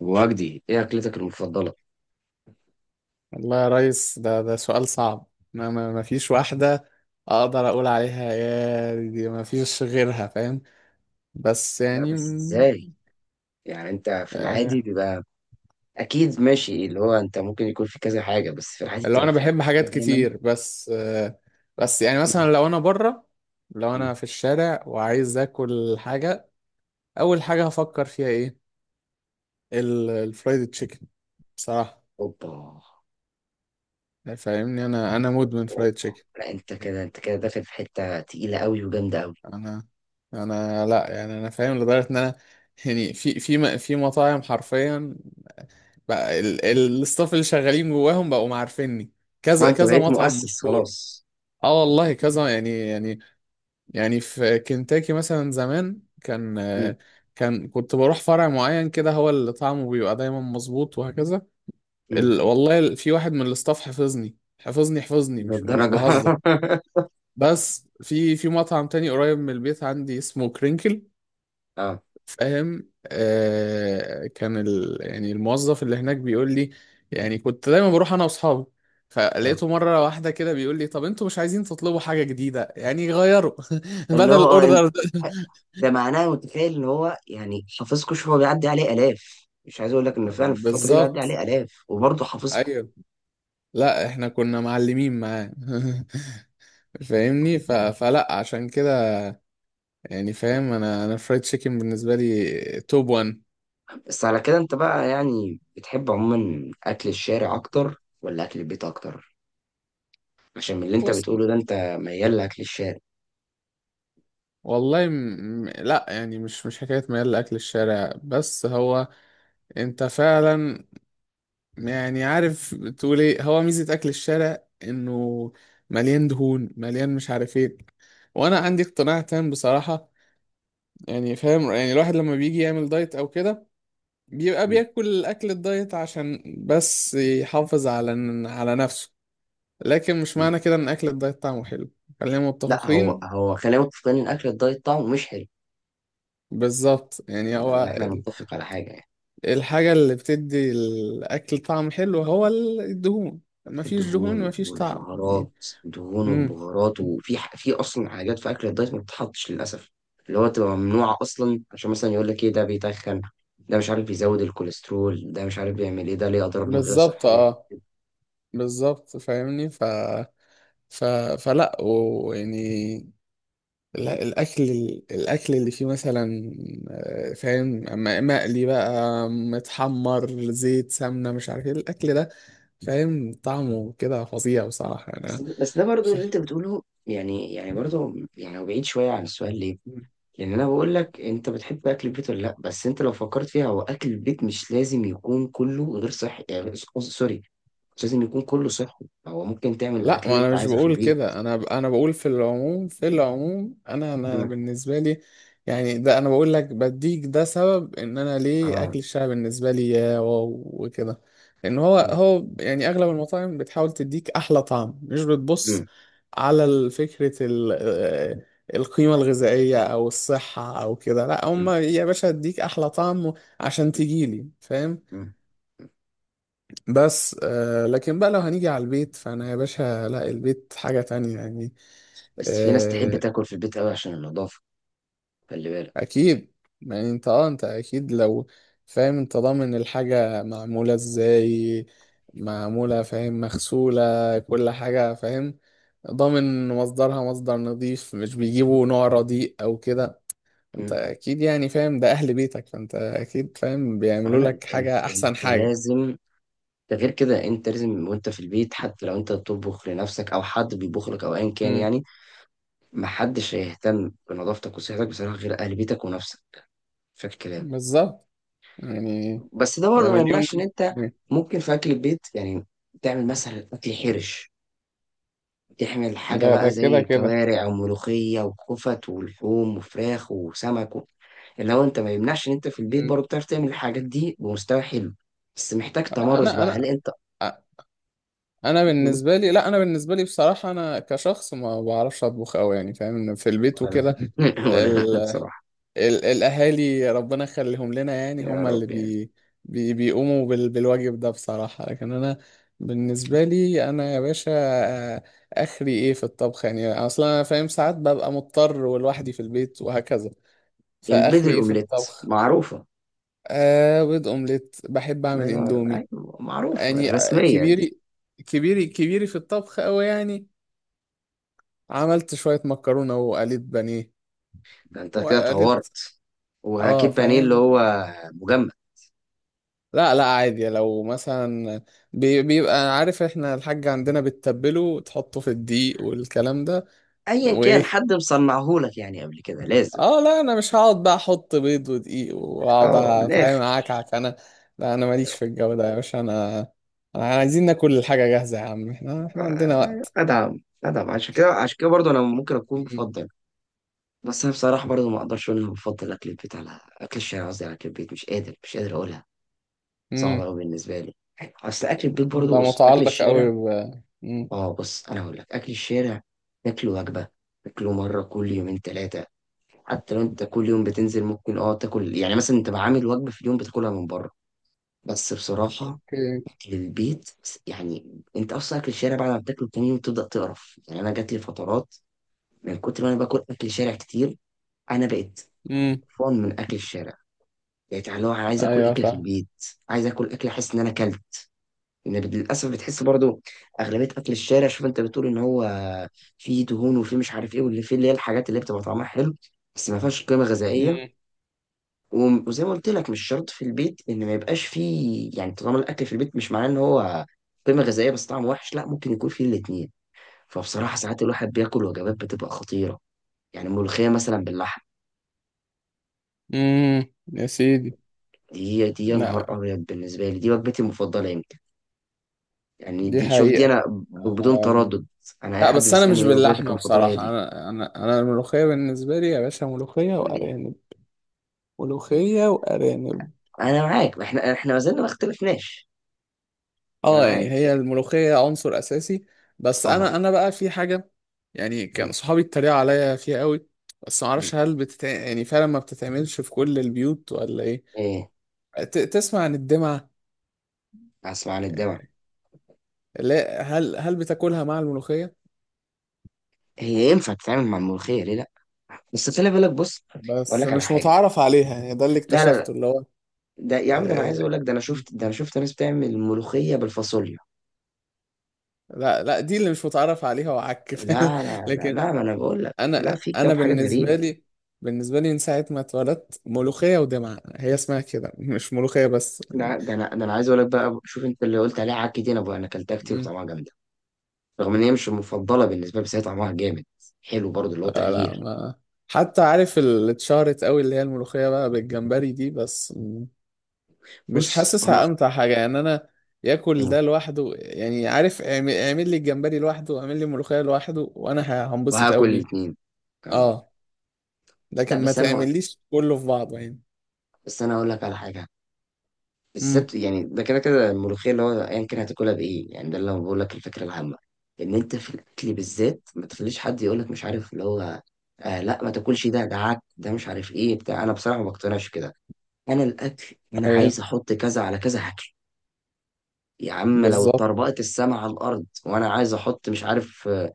وجدي، ايه اكلتك المفضله؟ والله يا ريس، ده سؤال صعب. ما فيش واحدة أقدر أقول عليها، يا دي ما فيش غيرها، فاهم؟ بس لا، يعني بس ازاي؟ يعني انت في آه، العادي بيبقى اكيد ماشي اللي هو انت ممكن يكون في كذا حاجه، بس في العادي اللي هو بتبقى أنا في بحب حاجه حاجات دايما. كتير بس آه، بس يعني مم. مثلا لو أنا بره، لو مم. أنا في الشارع وعايز آكل حاجة، أول حاجة هفكر فيها إيه؟ الفرايد تشيكن بصراحة. اوبا فاهمني؟ أنا اوبا مدمن فرايد أوبا. تشيكن. لا، انت كده داخل في حته تقيله قوي وجامده قوي. انا انا لا يعني، انا فاهم لدرجه ان انا يعني في مطاعم حرفيا بقى، الستاف اللي شغالين جواهم بقوا عارفيني، اه، كذا انت كذا بقيت مطعم مؤسس مشهور. خلاص. اه والله كذا يعني، يعني في كنتاكي مثلا زمان كان، مم. كنت بروح فرع معين كده، هو اللي طعمه بيبقى دايما مظبوط، وهكذا. مم. والله في واحد من الاستاف حفظني حفظني حفظني، مش للدرجه؟ بهزر. بس في مطعم تاني قريب من البيت عندي اسمه كرينكل، اه فاهم؟ آه، كان يعني الموظف اللي هناك بيقول لي، يعني كنت دايما بروح انا واصحابي، اه، فلقيته مره واحده كده بيقول لي طب انتوا مش عايزين تطلبوا حاجه جديده يعني، غيروا. اللي هو بدل انت، الاوردر ده. ده معناه متخيل ان هو يعني حافظكوا. شوف، هو بيعدي عليه الاف، مش عايز اقول لك ان فعلا في الفتره دي بيعدي بالظبط. عليه الاف وبرضه حافظكوا. ايوه. لا احنا كنا معلمين معاه. فاهمني؟ فلا، عشان كده يعني فاهم، انا فرايد تشيكن بالنسبه لي توب 1. بس على كده انت بقى يعني بتحب عموما اكل الشارع اكتر ولا اكل البيت اكتر؟ عشان من اللي انت بص، بتقوله ده انت ميال لاكل الشارع. والله لا يعني، مش حكايه ميال لاكل الشارع، بس هو انت فعلا يعني، عارف تقول ايه، هو ميزة اكل الشارع انه مليان دهون، مليان مش عارف ايه. وانا عندي اقتناع تام بصراحة. يعني فاهم، يعني الواحد لما بيجي يعمل دايت او كده بيبقى م- بياكل اكل الدايت عشان بس يحافظ على نفسه، لكن مش م. معنى كده ان اكل الدايت طعمه حلو. خلينا لا، هو متفقين. هو خلينا متفقين ان اكل الدايت طعمه مش حلو، بالظبط، يعني الا لو هو احنا نتفق على حاجه يعني. الحاجة اللي بتدي الاكل طعم حلو هو الدهون. مفيش دهون الدهون مفيش طعم يعني. والبهارات. امم وفي في اصلا حاجات في اكل الدايت ما بتتحطش للاسف، اللي هو تبقى ممنوعه اصلا عشان مثلا يقول لك ايه، ده بيتخن، ده مش عارف بيزود الكوليسترول، ده مش عارف بيعمل ايه، ده ليه اضرار من غير بالظبط. صحيه. اه، بالظبط فاهمني؟ ف... فلا ويعني، لا، الاكل اللي فيه مثلا آه، فاهم، مقلي بقى، متحمر، زيت، سمنه، مش عارف ايه الاكل ده، فاهم طعمه كده فظيع بصراحه. بس انا بس ده برضو اللي انت بتقوله، يعني برضو يعني هو بعيد شويه عن السؤال، ليه؟ لان انا بقول لك انت بتحب اكل البيت ولا لا؟ بس انت لو فكرت فيها، هو اكل البيت مش لازم يكون كله غير صحي، يعني قصدي سوري، مش لازم يكون كله صحي، هو ممكن تعمل لا، الاكل ما اللي انا انت مش عايزه في بقول البيت. كده، انا بقول في العموم، في العموم انا مم. بالنسبه لي يعني، ده انا بقول لك بديك ده سبب ان انا ليه اه. اكل الشارع بالنسبه لي يا واو وكده. لان هو مم. هو يعني اغلب المطاعم بتحاول تديك احلى طعم، مش بتبص مم. على فكره آه، القيمه الغذائيه او الصحه او كده، لا هم مم. يا باشا اديك احلى طعم عشان تجيلي، فاهم. مم. بس آه، لكن بقى لو هنيجي على البيت فانا يا باشا لا، البيت حاجة تانية يعني. بس في ناس تحب آه، تاكل في البيت قوي عشان النظافه، خلي بالك. اكيد. يعني انت اكيد لو، فاهم، انت ضامن الحاجة معمولة ازاي، معمولة فاهم، مغسولة، كل حاجة فاهم، ضامن مصدرها مصدر نظيف، مش بيجيبوا نوع رديء او كده. انت مم. اكيد يعني فاهم، ده اهل بيتك، فانت اكيد فاهم اه، بيعملوا لا، لك انت انت حاجة انت احسن حاجة. لازم، ده غير كده انت لازم وانت في البيت، حتى لو انت بتطبخ لنفسك او حد بيطبخ لك او ايا كان امم يعني، محدش هيهتم بنظافتك وصحتك بصراحه غير اهل بيتك ونفسك، فاكر الكلام. بالظبط يعني. بس ده ده برضه ما يمنعش ان مليون. انت ممكن في اكل البيت يعني تعمل مثلا اكل حرش، تعمل حاجه ده بقى ده زي كده كده. الكوارع وملوخيه وخفت ولحوم وفراخ وسمك، و... اللي هو انت ما يمنعش ان انت في البيت مم. برضه بتعرف تعمل الحاجات دي بمستوى حلو، بس محتاج لا تمرس انا بقى. هل انا انت انا بالنسبه لي، لا انا بالنسبه لي بصراحه، انا كشخص ما بعرفش اطبخ قوي يعني فاهم، إن في البيت ولا وكده لا ولا ال... لا، بصراحه. الاهالي ربنا يخليهم لنا، يعني يا هم اللي رب يعني. بيقوموا بالواجب ده بصراحه، لكن انا بالنسبه لي انا يا باشا آه، اخري ايه في الطبخ يعني، اصلا انا فاهم ساعات ببقى مضطر ولوحدي في البيت وهكذا، البيض فاخري ايه في الأومليت الطبخ. معروفة. آه، بيض اومليت، بحب الله اعمل ينور، اندومي، أيوة، معروفة يعني آه، الرسمية دي. كبيري كبيري كبيري في الطبخ قوي يعني. عملت شوية مكرونة وقليت بانيه، أنت كده وقليت. طورت. اه وهجيب بانيه اللي فاهم. هو مجمد. لا لا، عادي لو مثلا، بيبقى عارف، احنا الحاج عندنا بتتبله وتحطه في الدقيق والكلام ده، أيا كان وايه. حد مصنعهولك يعني قبل كده لازم. اه لا، انا مش هقعد بقى احط بيض ودقيق واقعد أه، من الآخر. فاهم اعكعك انا، لا انا ماليش في الجو ده يا باشا، انا انا عايزين ناكل الحاجة جاهزة يا عم، احنا عندنا آه، وقت. أدعم أدعم، عشان كده عشان كده برضه أنا ممكن أكون مم. بفضل. بس أنا بصراحة برضه ما أقدرش أقول إن أنا بفضل أكل البيت على أكل الشارع، قصدي على أكل البيت، مش قادر، مش قادر أقولها. صعبة مم. أوي بالنسبة لي. أيوة، أصل أكل البيت انت برضه، بص، أكل متعلق قوي الشارع، ب. مم. اه، بص انا هقول لك، اكل الشارع تاكله وجبه، تاكله مره كل يومين ثلاثه، حتى لو انت كل يوم بتنزل ممكن تاكل يعني مثلا انت عامل وجبه في اليوم بتاكلها من بره، بس بصراحه اوكي. اكل البيت، يعني انت اصلا اكل الشارع بعد ما بتاكله تاني يوم تبدا تقرف، يعني انا جات لي فترات من كتر ما انا باكل اكل شارع كتير، انا بقيت مم. فان من اكل الشارع، بقيت اللي هو انا عايز اكل ايوه اكل في فاهم. البيت، عايز اكل اكل احس ان انا اكلت. إن للاسف بتحس برضو اغلبيه اكل الشارع، شوف انت بتقول ان هو فيه دهون وفيه مش عارف ايه، واللي فيه اللي هي الحاجات اللي بتبقى طعمها حلو بس ما فيهاش قيمه غذائيه. مم. وزي ما قلت لك، مش شرط في البيت ان ما يبقاش فيه، يعني طالما الاكل في البيت، مش معناه ان هو قيمه غذائيه بس طعمه وحش، لا، ممكن يكون فيه الاتنين. فبصراحه ساعات الواحد بياكل وجبات بتبقى خطيره، يعني ملوخيه مثلا باللحم، مم. يا سيدي. دي يا نهار لا، ابيض، بالنسبه لي دي وجبتي المفضله يمكن، يعني دي دي، شوف دي حقيقة. انا بدون آه، تردد، انا اي لا حد بس انا مش بيسالني ايه وجبتك باللحمة المفضله، هي بصراحة، انا الملوخية بالنسبة لي يا باشا، ملوخية دي. وارانب، ملوخية وارانب. انا معاك، احنا ما زلنا ما اختلفناش. انا اه، يعني هي معاك الملوخية عنصر اساسي. بس اه. انا بقى في حاجة، يعني كان أمم، صحابي اتريقوا عليا فيها قوي، بس أمم. معرفش، هل يعني فعلا ما بتتعملش في كل البيوت ولا ايه؟ ايه؟ تسمع عن الدمعة؟ اسمع عن الدواء. لا، هل بتاكلها مع الملوخية؟ هي ينفع تتعامل مع الملوخيه، ليه لا؟ بس خلي بالك، بص، اقول بس لك على مش حاجه. متعرف عليها يعني، ده اللي لا لا لا، اكتشفته، اللي هو ده يا عم، ده انا عايز آه، اقول لك، ده انا شفت ناس بتعمل ملوخيه بالفاصوليا. لا لا، دي اللي مش متعرف عليها، وعك فاهم؟ لا لا لا لكن لا، ما انا بقول لك لا، انا في انا كام حاجه بالنسبة غريبه. لي، بالنسبة لي من ساعة ما اتولدت ملوخية ودمعة هي اسمها كده، مش ملوخية بس يعني. لا، ده انا عايز اقول لك بقى، شوف انت اللي قلت عليها عكي دي، انا اكلتها كتير مم. وطعمها جامده، رغم ان هي مش المفضله بالنسبه لي بس هي طعمها جامد حلو برضه اللي هو لا لا، تغيير. ما حتى عارف اللي اتشهرت قوي اللي هي الملوخية بقى بالجمبري دي، بس مش بص حاسسها انا، امتع حاجه يعني. انا ياكل ده لوحده يعني، عارف اعمل لي الجمبري لوحده، اعمل لي ملوخيه لوحده، وانا هنبسط وهاكل قوي بيه. الاتنين. اه، اه، لكن لا، ما بس انا هقول تعمليش كله في بعضه يعني. بس انا هقول لك على حاجه امم بالذات، يعني ده كده كده الملوخيه، اللي هو ايا كان هتاكلها بايه، يعني ده اللي انا بقول لك، الفكره العامه ان انت في الاكل بالذات ما تخليش حد يقول لك مش عارف اللي هو آه لا ما تاكلش ده عك، ده مش عارف ايه بتاع، انا بصراحه ما بقتنعش كده. انا الاكل انا عايز ايوه احط كذا على كذا هاكل، يا عم لو بالظبط. اتطربقت السما على الارض وانا عايز احط مش عارف، آه،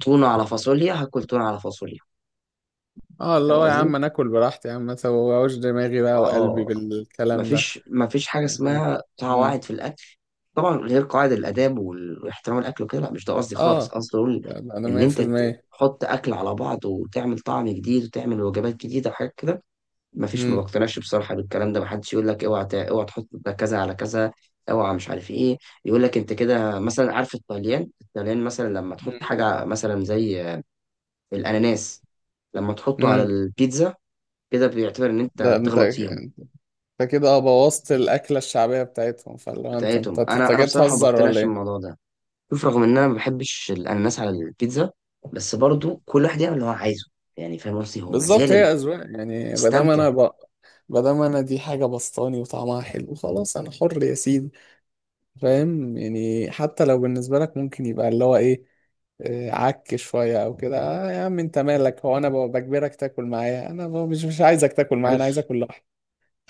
تونه على فاصوليا، هاكل تونه على فاصوليا. اه اللي فاهم هو يا قصدي؟ عم، انا اكل براحتي يا عم، ما توجعوش دماغي بقى وقلبي اه. بالكلام ده. مفيش حاجة اه. اسمها امم قواعد في الأكل، طبعا غير قواعد الآداب، واحترام الأكل وكده، لا مش ده قصدي خالص، اه، قصدي أقول ده انا إن أنت 100%. تحط أكل على بعض وتعمل طعم جديد وتعمل وجبات جديدة وحاجات كده، مفيش، ما امم بقتنعش بصراحة بالكلام ده، محدش يقول لك اوعى اوعى تحط ده كذا على كذا، اوعى مش عارف ايه، يقول لك انت كده مثلا. عارف الطليان؟ الطليان مثلا لما تحط امم حاجة مثلا زي الأناناس، لما تحطه على امم البيتزا، كده بيعتبر إن أنت ده انت بتغلط فيهم، انت كده اه بوظت الاكله الشعبيه بتاعتهم، فاللي هو انت انت بتاعتهم. أنت انا جاي بصراحه ما تهزر ولا بقتنعش ايه؟ بالموضوع ده، شوف رغم ان انا ما بحبش الاناناس على البيتزا، بس برضو كل واحد يعمل اللي هو عايزه، يعني فاهم قصدي؟ هو بالظبط، مازال هي أذواق يعني، ما دام استمتع. انا ما دام انا دي حاجة بسطاني وطعمها حلو، خلاص انا حر يا سيدي. فاهم؟ يعني حتى لو بالنسبة لك ممكن يبقى اللي هو ايه، آه، عك شوية او كده، آه يا عم انت مالك؟ هو انا بجبرك تاكل معايا؟ انا مش عايزك تاكل معايا، انا عايز عارف اكل لوحدي.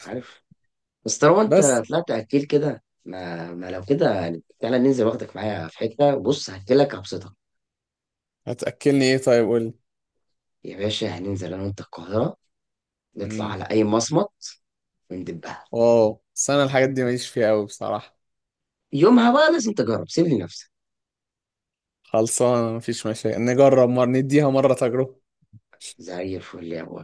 عارف بس طالما انت بس طلعت اكيل كده، ما لو كده يعني تعالى ننزل، واخدك معايا في حته، بص هاكلك هبسطك، هتأكلني ايه طيب، قول لي. يا باشا هننزل انا وانت القاهره، نطلع امم على اي مصمت وندبها، واو، بس انا الحاجات دي ماليش فيها قوي بصراحة. يومها بقى لازم تجرب، سيب لي نفسك، خلصانة، مفيش مشاكل، نجرب مرة، نديها مرة تجربة. زي الفل يا ابو